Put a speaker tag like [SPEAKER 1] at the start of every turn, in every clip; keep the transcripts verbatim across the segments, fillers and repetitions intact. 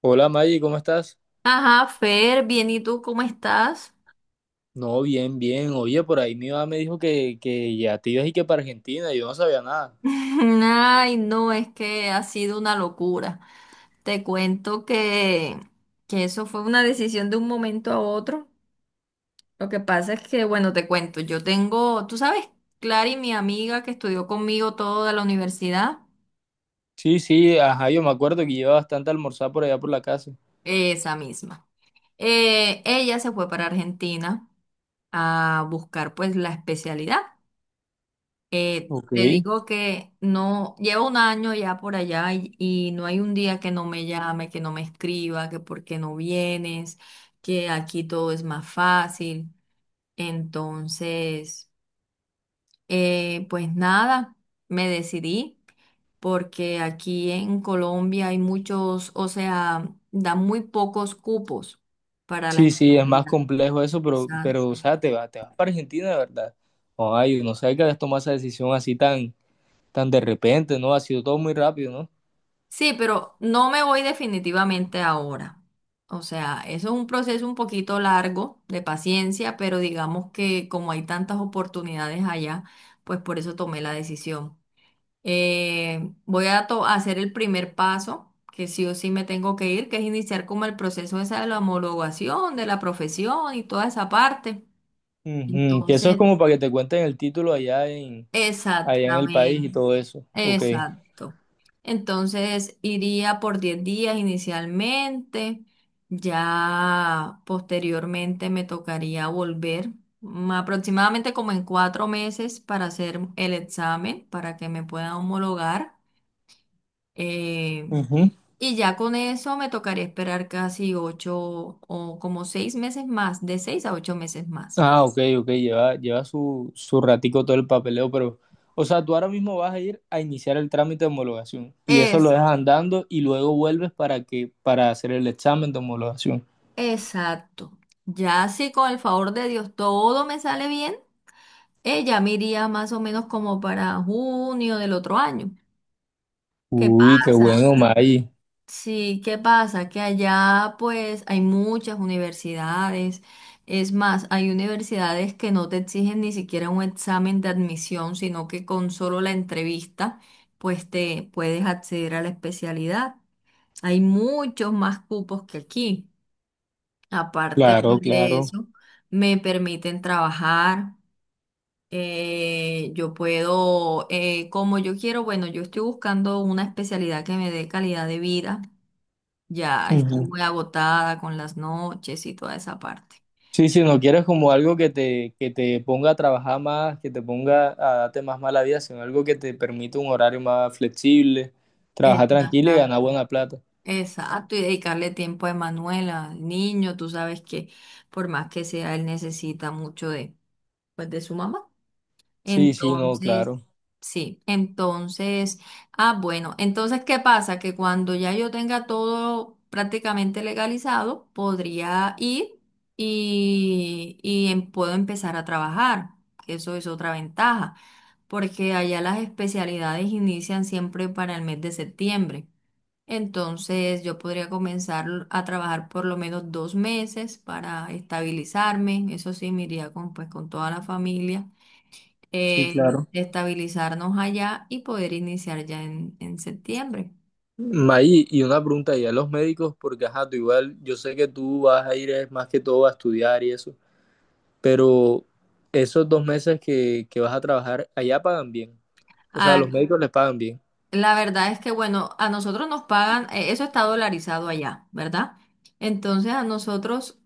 [SPEAKER 1] Hola Maggie, ¿cómo estás?
[SPEAKER 2] Ajá, Fer, bien, ¿y tú cómo estás?
[SPEAKER 1] No, bien, bien. Oye, por ahí mi mamá me dijo que, que ya te ibas y que para Argentina, yo no sabía nada.
[SPEAKER 2] Ay, no, es que ha sido una locura. Te cuento que, que eso fue una decisión de un momento a otro. Lo que pasa es que, bueno, te cuento, yo tengo, tú sabes, Clary, mi amiga que estudió conmigo todo de la universidad,
[SPEAKER 1] Sí, sí, ajá, yo me acuerdo que lleva bastante a almorzar por allá por la casa.
[SPEAKER 2] esa misma. Eh, ella se fue para Argentina a buscar pues la especialidad. Eh,
[SPEAKER 1] Ok.
[SPEAKER 2] te digo que no, llevo un año ya por allá y, y no hay un día que no me llame, que no me escriba, que por qué no vienes, que aquí todo es más fácil. Entonces, eh, pues nada, me decidí porque aquí en Colombia hay muchos, o sea, dan muy pocos cupos para la
[SPEAKER 1] Sí, sí, es más
[SPEAKER 2] especialidad.
[SPEAKER 1] complejo eso, pero, pero, o sea, te vas, te vas para Argentina de verdad. Ay, no sabía que habías tomado esa decisión así tan, tan de repente, ¿no? Ha sido todo muy rápido, ¿no?
[SPEAKER 2] Sí, pero no me voy definitivamente ahora. O sea, eso es un proceso un poquito largo de paciencia, pero digamos que como hay tantas oportunidades allá, pues por eso tomé la decisión. Eh, voy a to- a hacer el primer paso, que sí o sí me tengo que ir, que es iniciar como el proceso esa de la homologación, de la profesión y toda esa parte.
[SPEAKER 1] Ujú, que eso es
[SPEAKER 2] Entonces,
[SPEAKER 1] como para que te cuenten el título allá en, allá en el país
[SPEAKER 2] exactamente.
[SPEAKER 1] y todo eso. Ok.
[SPEAKER 2] Exacto. Entonces iría por diez días inicialmente, ya posteriormente me tocaría volver, mm, aproximadamente como en cuatro meses para hacer el examen, para que me puedan homologar. eh,
[SPEAKER 1] Ujú.
[SPEAKER 2] y ya con eso me tocaría esperar casi ocho o como seis meses más, de seis a ocho meses más.
[SPEAKER 1] Ah, ok, ok, lleva, lleva su, su ratico todo el papeleo, pero, o sea, tú ahora mismo vas a ir a iniciar el trámite de homologación y eso lo
[SPEAKER 2] Es,
[SPEAKER 1] dejas andando y luego vuelves para que, para hacer el examen de homologación.
[SPEAKER 2] exacto. Ya si con el favor de Dios todo me sale bien. Ella me iría más o menos como para junio del otro año. ¿Qué
[SPEAKER 1] Uy, qué
[SPEAKER 2] pasa?
[SPEAKER 1] bueno, May.
[SPEAKER 2] Sí, ¿qué pasa? Que allá pues hay muchas universidades. Es más, hay universidades que no te exigen ni siquiera un examen de admisión, sino que con solo la entrevista pues te puedes acceder a la especialidad. Hay muchos más cupos que aquí. Aparte pues,
[SPEAKER 1] Claro,
[SPEAKER 2] de
[SPEAKER 1] claro.
[SPEAKER 2] eso, me permiten trabajar. Eh, yo puedo, eh, como yo quiero, bueno, yo estoy buscando una especialidad que me dé calidad de vida. Ya estoy
[SPEAKER 1] Ujú.
[SPEAKER 2] muy agotada con las noches y toda esa parte.
[SPEAKER 1] Sí, si no quieres como algo que te, que te ponga a trabajar más, que te ponga a darte más mala vida, sino algo que te permita un horario más flexible, trabajar tranquilo y ganar
[SPEAKER 2] Exactamente.
[SPEAKER 1] buena plata.
[SPEAKER 2] Exacto, y dedicarle tiempo a Emanuela, al niño, tú sabes que por más que sea, él necesita mucho de, pues, de su mamá.
[SPEAKER 1] Sí, sí, no,
[SPEAKER 2] Entonces,
[SPEAKER 1] claro.
[SPEAKER 2] sí, entonces, ah, bueno, entonces, ¿qué pasa? Que cuando ya yo tenga todo prácticamente legalizado, podría ir y, y em- puedo empezar a trabajar. Eso es otra ventaja, porque allá las especialidades inician siempre para el mes de septiembre. Entonces, yo podría comenzar a trabajar por lo menos dos meses para estabilizarme. Eso sí, me iría con, pues, con toda la familia
[SPEAKER 1] Sí,
[SPEAKER 2] eh,
[SPEAKER 1] claro.
[SPEAKER 2] estabilizarnos allá y poder iniciar ya en, en septiembre.
[SPEAKER 1] May, y una pregunta y a los médicos, porque ajá, tú igual, yo sé que tú vas a ir es más que todo a estudiar y eso, pero esos dos meses que, que vas a trabajar, allá pagan bien. O sea, a
[SPEAKER 2] Ah,
[SPEAKER 1] los médicos les pagan bien.
[SPEAKER 2] la verdad es que, bueno, a nosotros nos pagan, eh, eso está dolarizado allá, ¿verdad? Entonces a nosotros,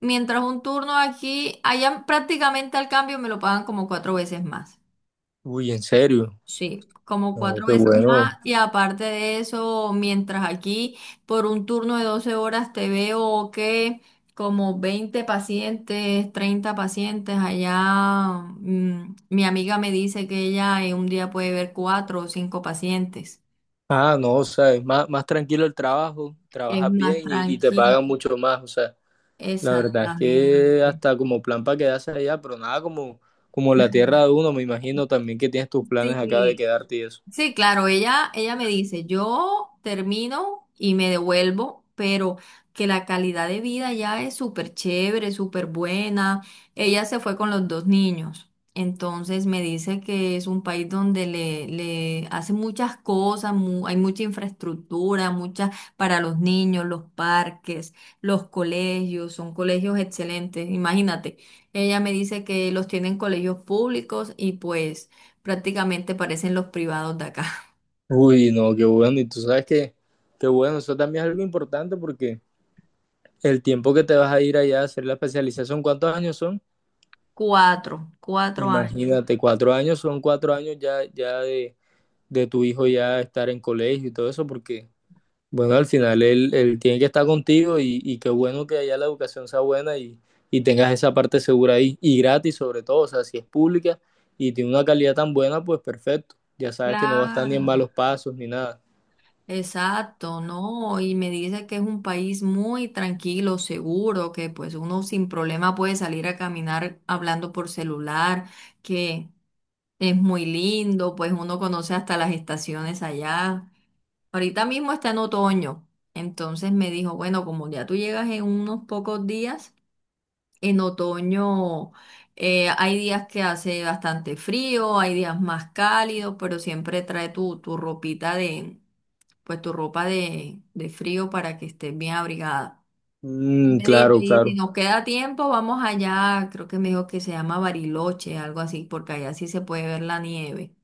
[SPEAKER 2] mientras un turno aquí, allá prácticamente al cambio me lo pagan como cuatro veces más.
[SPEAKER 1] Uy, en serio.
[SPEAKER 2] Sí, como
[SPEAKER 1] No,
[SPEAKER 2] cuatro
[SPEAKER 1] qué
[SPEAKER 2] veces más
[SPEAKER 1] bueno.
[SPEAKER 2] y aparte de eso, mientras aquí por un turno de doce horas te veo que como veinte pacientes, treinta pacientes allá, mm, mi amiga me dice que ella en un día puede ver cuatro o cinco pacientes.
[SPEAKER 1] Ah, no, o sea, es más, más tranquilo el trabajo,
[SPEAKER 2] Es
[SPEAKER 1] trabajas
[SPEAKER 2] más
[SPEAKER 1] bien y, y te
[SPEAKER 2] tranquilo.
[SPEAKER 1] pagan mucho más. O sea, la verdad es que
[SPEAKER 2] Exactamente.
[SPEAKER 1] hasta como plan para quedarse allá, pero nada como, como la tierra de uno, me imagino también que tienes tus planes acá de
[SPEAKER 2] Sí,
[SPEAKER 1] quedarte y eso.
[SPEAKER 2] sí, claro, ella, ella me dice, yo termino y me devuelvo, pero que la calidad de vida ya es súper chévere, súper buena. Ella se fue con los dos niños, entonces me dice que es un país donde le, le hacen muchas cosas, mu- hay mucha infraestructura, mucha para los niños, los parques, los colegios, son colegios excelentes, imagínate. Ella me dice que los tienen colegios públicos y pues... Prácticamente parecen los privados de acá.
[SPEAKER 1] Uy, no, qué bueno. Y tú sabes que, qué bueno, eso también es algo importante porque el tiempo que te vas a ir allá a hacer la especialización, ¿cuántos años son?
[SPEAKER 2] Cuatro, cuatro años.
[SPEAKER 1] Imagínate, cuatro años son cuatro años ya, ya de, de tu hijo ya estar en colegio y todo eso, porque, bueno, al final él, él tiene que estar contigo y, y qué bueno que allá la educación sea buena y, y tengas esa parte segura ahí y gratis sobre todo, o sea, si es pública y tiene una calidad tan buena, pues perfecto. Ya sabes que no va a estar ni en
[SPEAKER 2] Claro.
[SPEAKER 1] malos pasos ni nada.
[SPEAKER 2] Exacto, ¿no? Y me dice que es un país muy tranquilo, seguro, que pues uno sin problema puede salir a caminar hablando por celular, que es muy lindo, pues uno conoce hasta las estaciones allá. Ahorita mismo está en otoño, entonces me dijo, bueno, como ya tú llegas en unos pocos días. En otoño eh, hay días que hace bastante frío, hay días más cálidos, pero siempre trae tu, tu ropita de, pues tu ropa de, de frío para que estés bien abrigada.
[SPEAKER 1] Mm,
[SPEAKER 2] Me dice,
[SPEAKER 1] claro,
[SPEAKER 2] si si
[SPEAKER 1] claro.
[SPEAKER 2] nos queda tiempo, vamos allá, creo que me dijo que se llama Bariloche, algo así, porque allá sí se puede ver la nieve.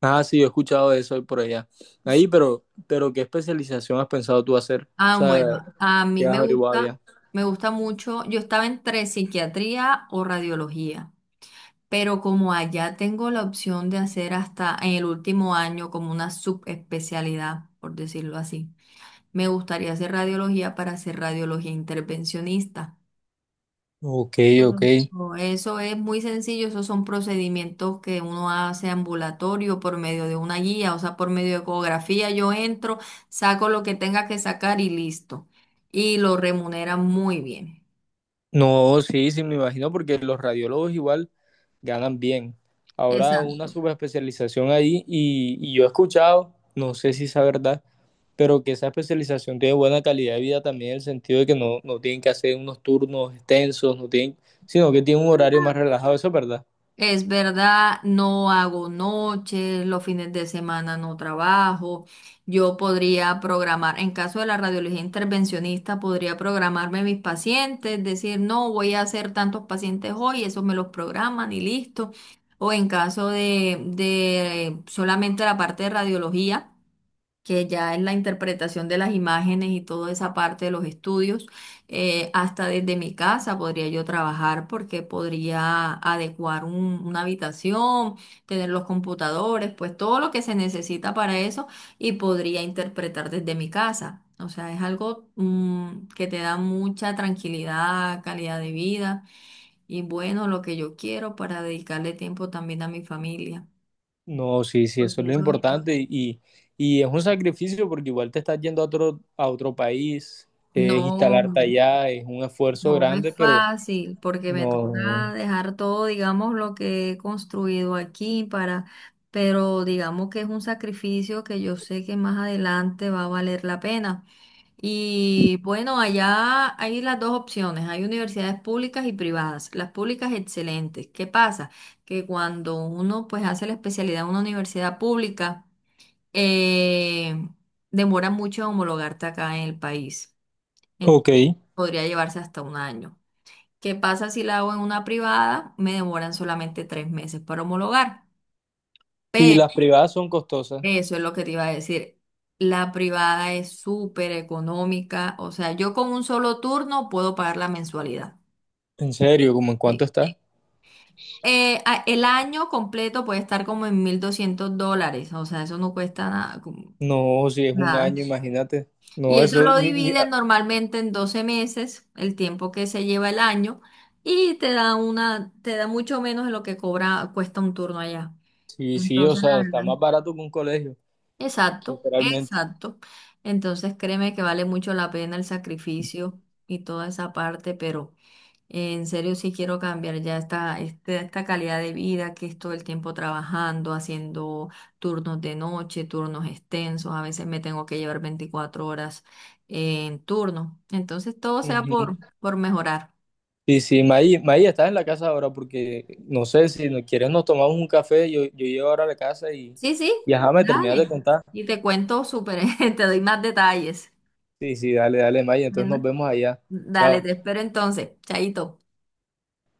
[SPEAKER 1] Ah, sí, yo he escuchado de eso ahí por allá. Ahí,
[SPEAKER 2] Sí.
[SPEAKER 1] pero, pero ¿qué especialización has pensado tú hacer? O
[SPEAKER 2] Ah, bueno,
[SPEAKER 1] sea,
[SPEAKER 2] a mí
[SPEAKER 1] ¿qué has
[SPEAKER 2] me
[SPEAKER 1] averiguado
[SPEAKER 2] gusta,
[SPEAKER 1] ya?
[SPEAKER 2] me gusta mucho, yo estaba entre psiquiatría o radiología. Pero como allá tengo la opción de hacer hasta en el último año como una subespecialidad, por decirlo así, me gustaría hacer radiología para hacer radiología intervencionista.
[SPEAKER 1] Ok, ok.
[SPEAKER 2] Pero eso es muy sencillo, esos son procedimientos que uno hace ambulatorio por medio de una guía, o sea, por medio de ecografía. Yo entro, saco lo que tenga que sacar y listo. Y lo remuneran muy bien.
[SPEAKER 1] No, sí, sí, me imagino porque los radiólogos igual ganan bien. Ahora
[SPEAKER 2] Exacto.
[SPEAKER 1] una subespecialización ahí y, y yo he escuchado, no sé si es verdad, pero que esa especialización tiene buena calidad de vida también en el sentido de que no, no tienen que hacer unos turnos extensos, no tienen, sino que tienen un horario más relajado, ¿eso es verdad?
[SPEAKER 2] Es verdad, no hago noches, los fines de semana no trabajo. Yo podría programar, en caso de la radiología intervencionista, podría programarme mis pacientes, decir, no, voy a hacer tantos pacientes hoy, eso me los programan y listo. O en caso de, de solamente la parte de radiología que ya es la interpretación de las imágenes y toda esa parte de los estudios, eh, hasta desde mi casa podría yo trabajar porque podría adecuar un- una habitación, tener los computadores, pues todo lo que se necesita para eso y podría interpretar desde mi casa. O sea, es algo, mm, que te da mucha tranquilidad, calidad de vida y bueno, lo que yo quiero para dedicarle tiempo también a mi familia,
[SPEAKER 1] No, sí, sí, eso
[SPEAKER 2] porque
[SPEAKER 1] es lo
[SPEAKER 2] eso
[SPEAKER 1] importante y, y es un sacrificio porque igual te estás yendo a otro, a otro país, es instalarte
[SPEAKER 2] no.
[SPEAKER 1] allá, es un esfuerzo
[SPEAKER 2] No es
[SPEAKER 1] grande, pero
[SPEAKER 2] fácil porque me
[SPEAKER 1] no.
[SPEAKER 2] toca dejar todo, digamos, lo que he construido aquí para, pero digamos que es un sacrificio que yo sé que más adelante va a valer la pena. Y bueno, allá hay las dos opciones, hay universidades públicas y privadas. Las públicas excelentes. ¿Qué pasa? Que cuando uno pues hace la especialidad en una universidad pública, eh, demora mucho en homologarte acá en el país.
[SPEAKER 1] Ok,
[SPEAKER 2] Entonces, podría llevarse hasta un año. ¿Qué pasa si la hago en una privada? Me demoran solamente tres meses para homologar.
[SPEAKER 1] y las
[SPEAKER 2] Pero
[SPEAKER 1] privadas son costosas,
[SPEAKER 2] eso es lo que te iba a decir. La privada es súper económica. O sea, yo con un solo turno puedo pagar la mensualidad.
[SPEAKER 1] en serio, ¿cómo en cuánto
[SPEAKER 2] Sí.
[SPEAKER 1] está?
[SPEAKER 2] Eh, a- el año completo puede estar como en mil doscientos dólares. O sea, eso no cuesta nada. Como
[SPEAKER 1] No, si es un
[SPEAKER 2] Nada.
[SPEAKER 1] año, imagínate.
[SPEAKER 2] Y
[SPEAKER 1] No,
[SPEAKER 2] eso
[SPEAKER 1] eso,
[SPEAKER 2] lo
[SPEAKER 1] ni, ni-
[SPEAKER 2] dividen
[SPEAKER 1] ah,
[SPEAKER 2] normalmente en doce meses, el tiempo que se lleva el año, y te da una, te da mucho menos de lo que cobra, cuesta un turno allá.
[SPEAKER 1] sí, sí, o
[SPEAKER 2] Entonces, la
[SPEAKER 1] sea, está
[SPEAKER 2] verdad.
[SPEAKER 1] más barato que un colegio,
[SPEAKER 2] Exacto,
[SPEAKER 1] literalmente.
[SPEAKER 2] exacto. Entonces, créeme que vale mucho la pena el sacrificio y toda esa parte, pero eh, en serio sí quiero cambiar ya esta, este- esta calidad de vida que es todo el tiempo trabajando, haciendo turnos de noche, turnos extensos. A veces me tengo que llevar veinticuatro horas en turno. Entonces, todo sea por, por mejorar.
[SPEAKER 1] Sí, sí, Maí, Maí, estás en la casa ahora porque no sé si no quieres nos tomamos un café, yo, yo llego ahora a la casa y,
[SPEAKER 2] Sí, sí,
[SPEAKER 1] y ajá, me terminas de
[SPEAKER 2] dale.
[SPEAKER 1] contar.
[SPEAKER 2] Y te cuento súper, te doy más detalles.
[SPEAKER 1] Sí, sí, dale, dale, Maí, entonces nos
[SPEAKER 2] Bueno.
[SPEAKER 1] vemos allá.
[SPEAKER 2] Dale,
[SPEAKER 1] Chao.
[SPEAKER 2] te espero entonces. Chaito.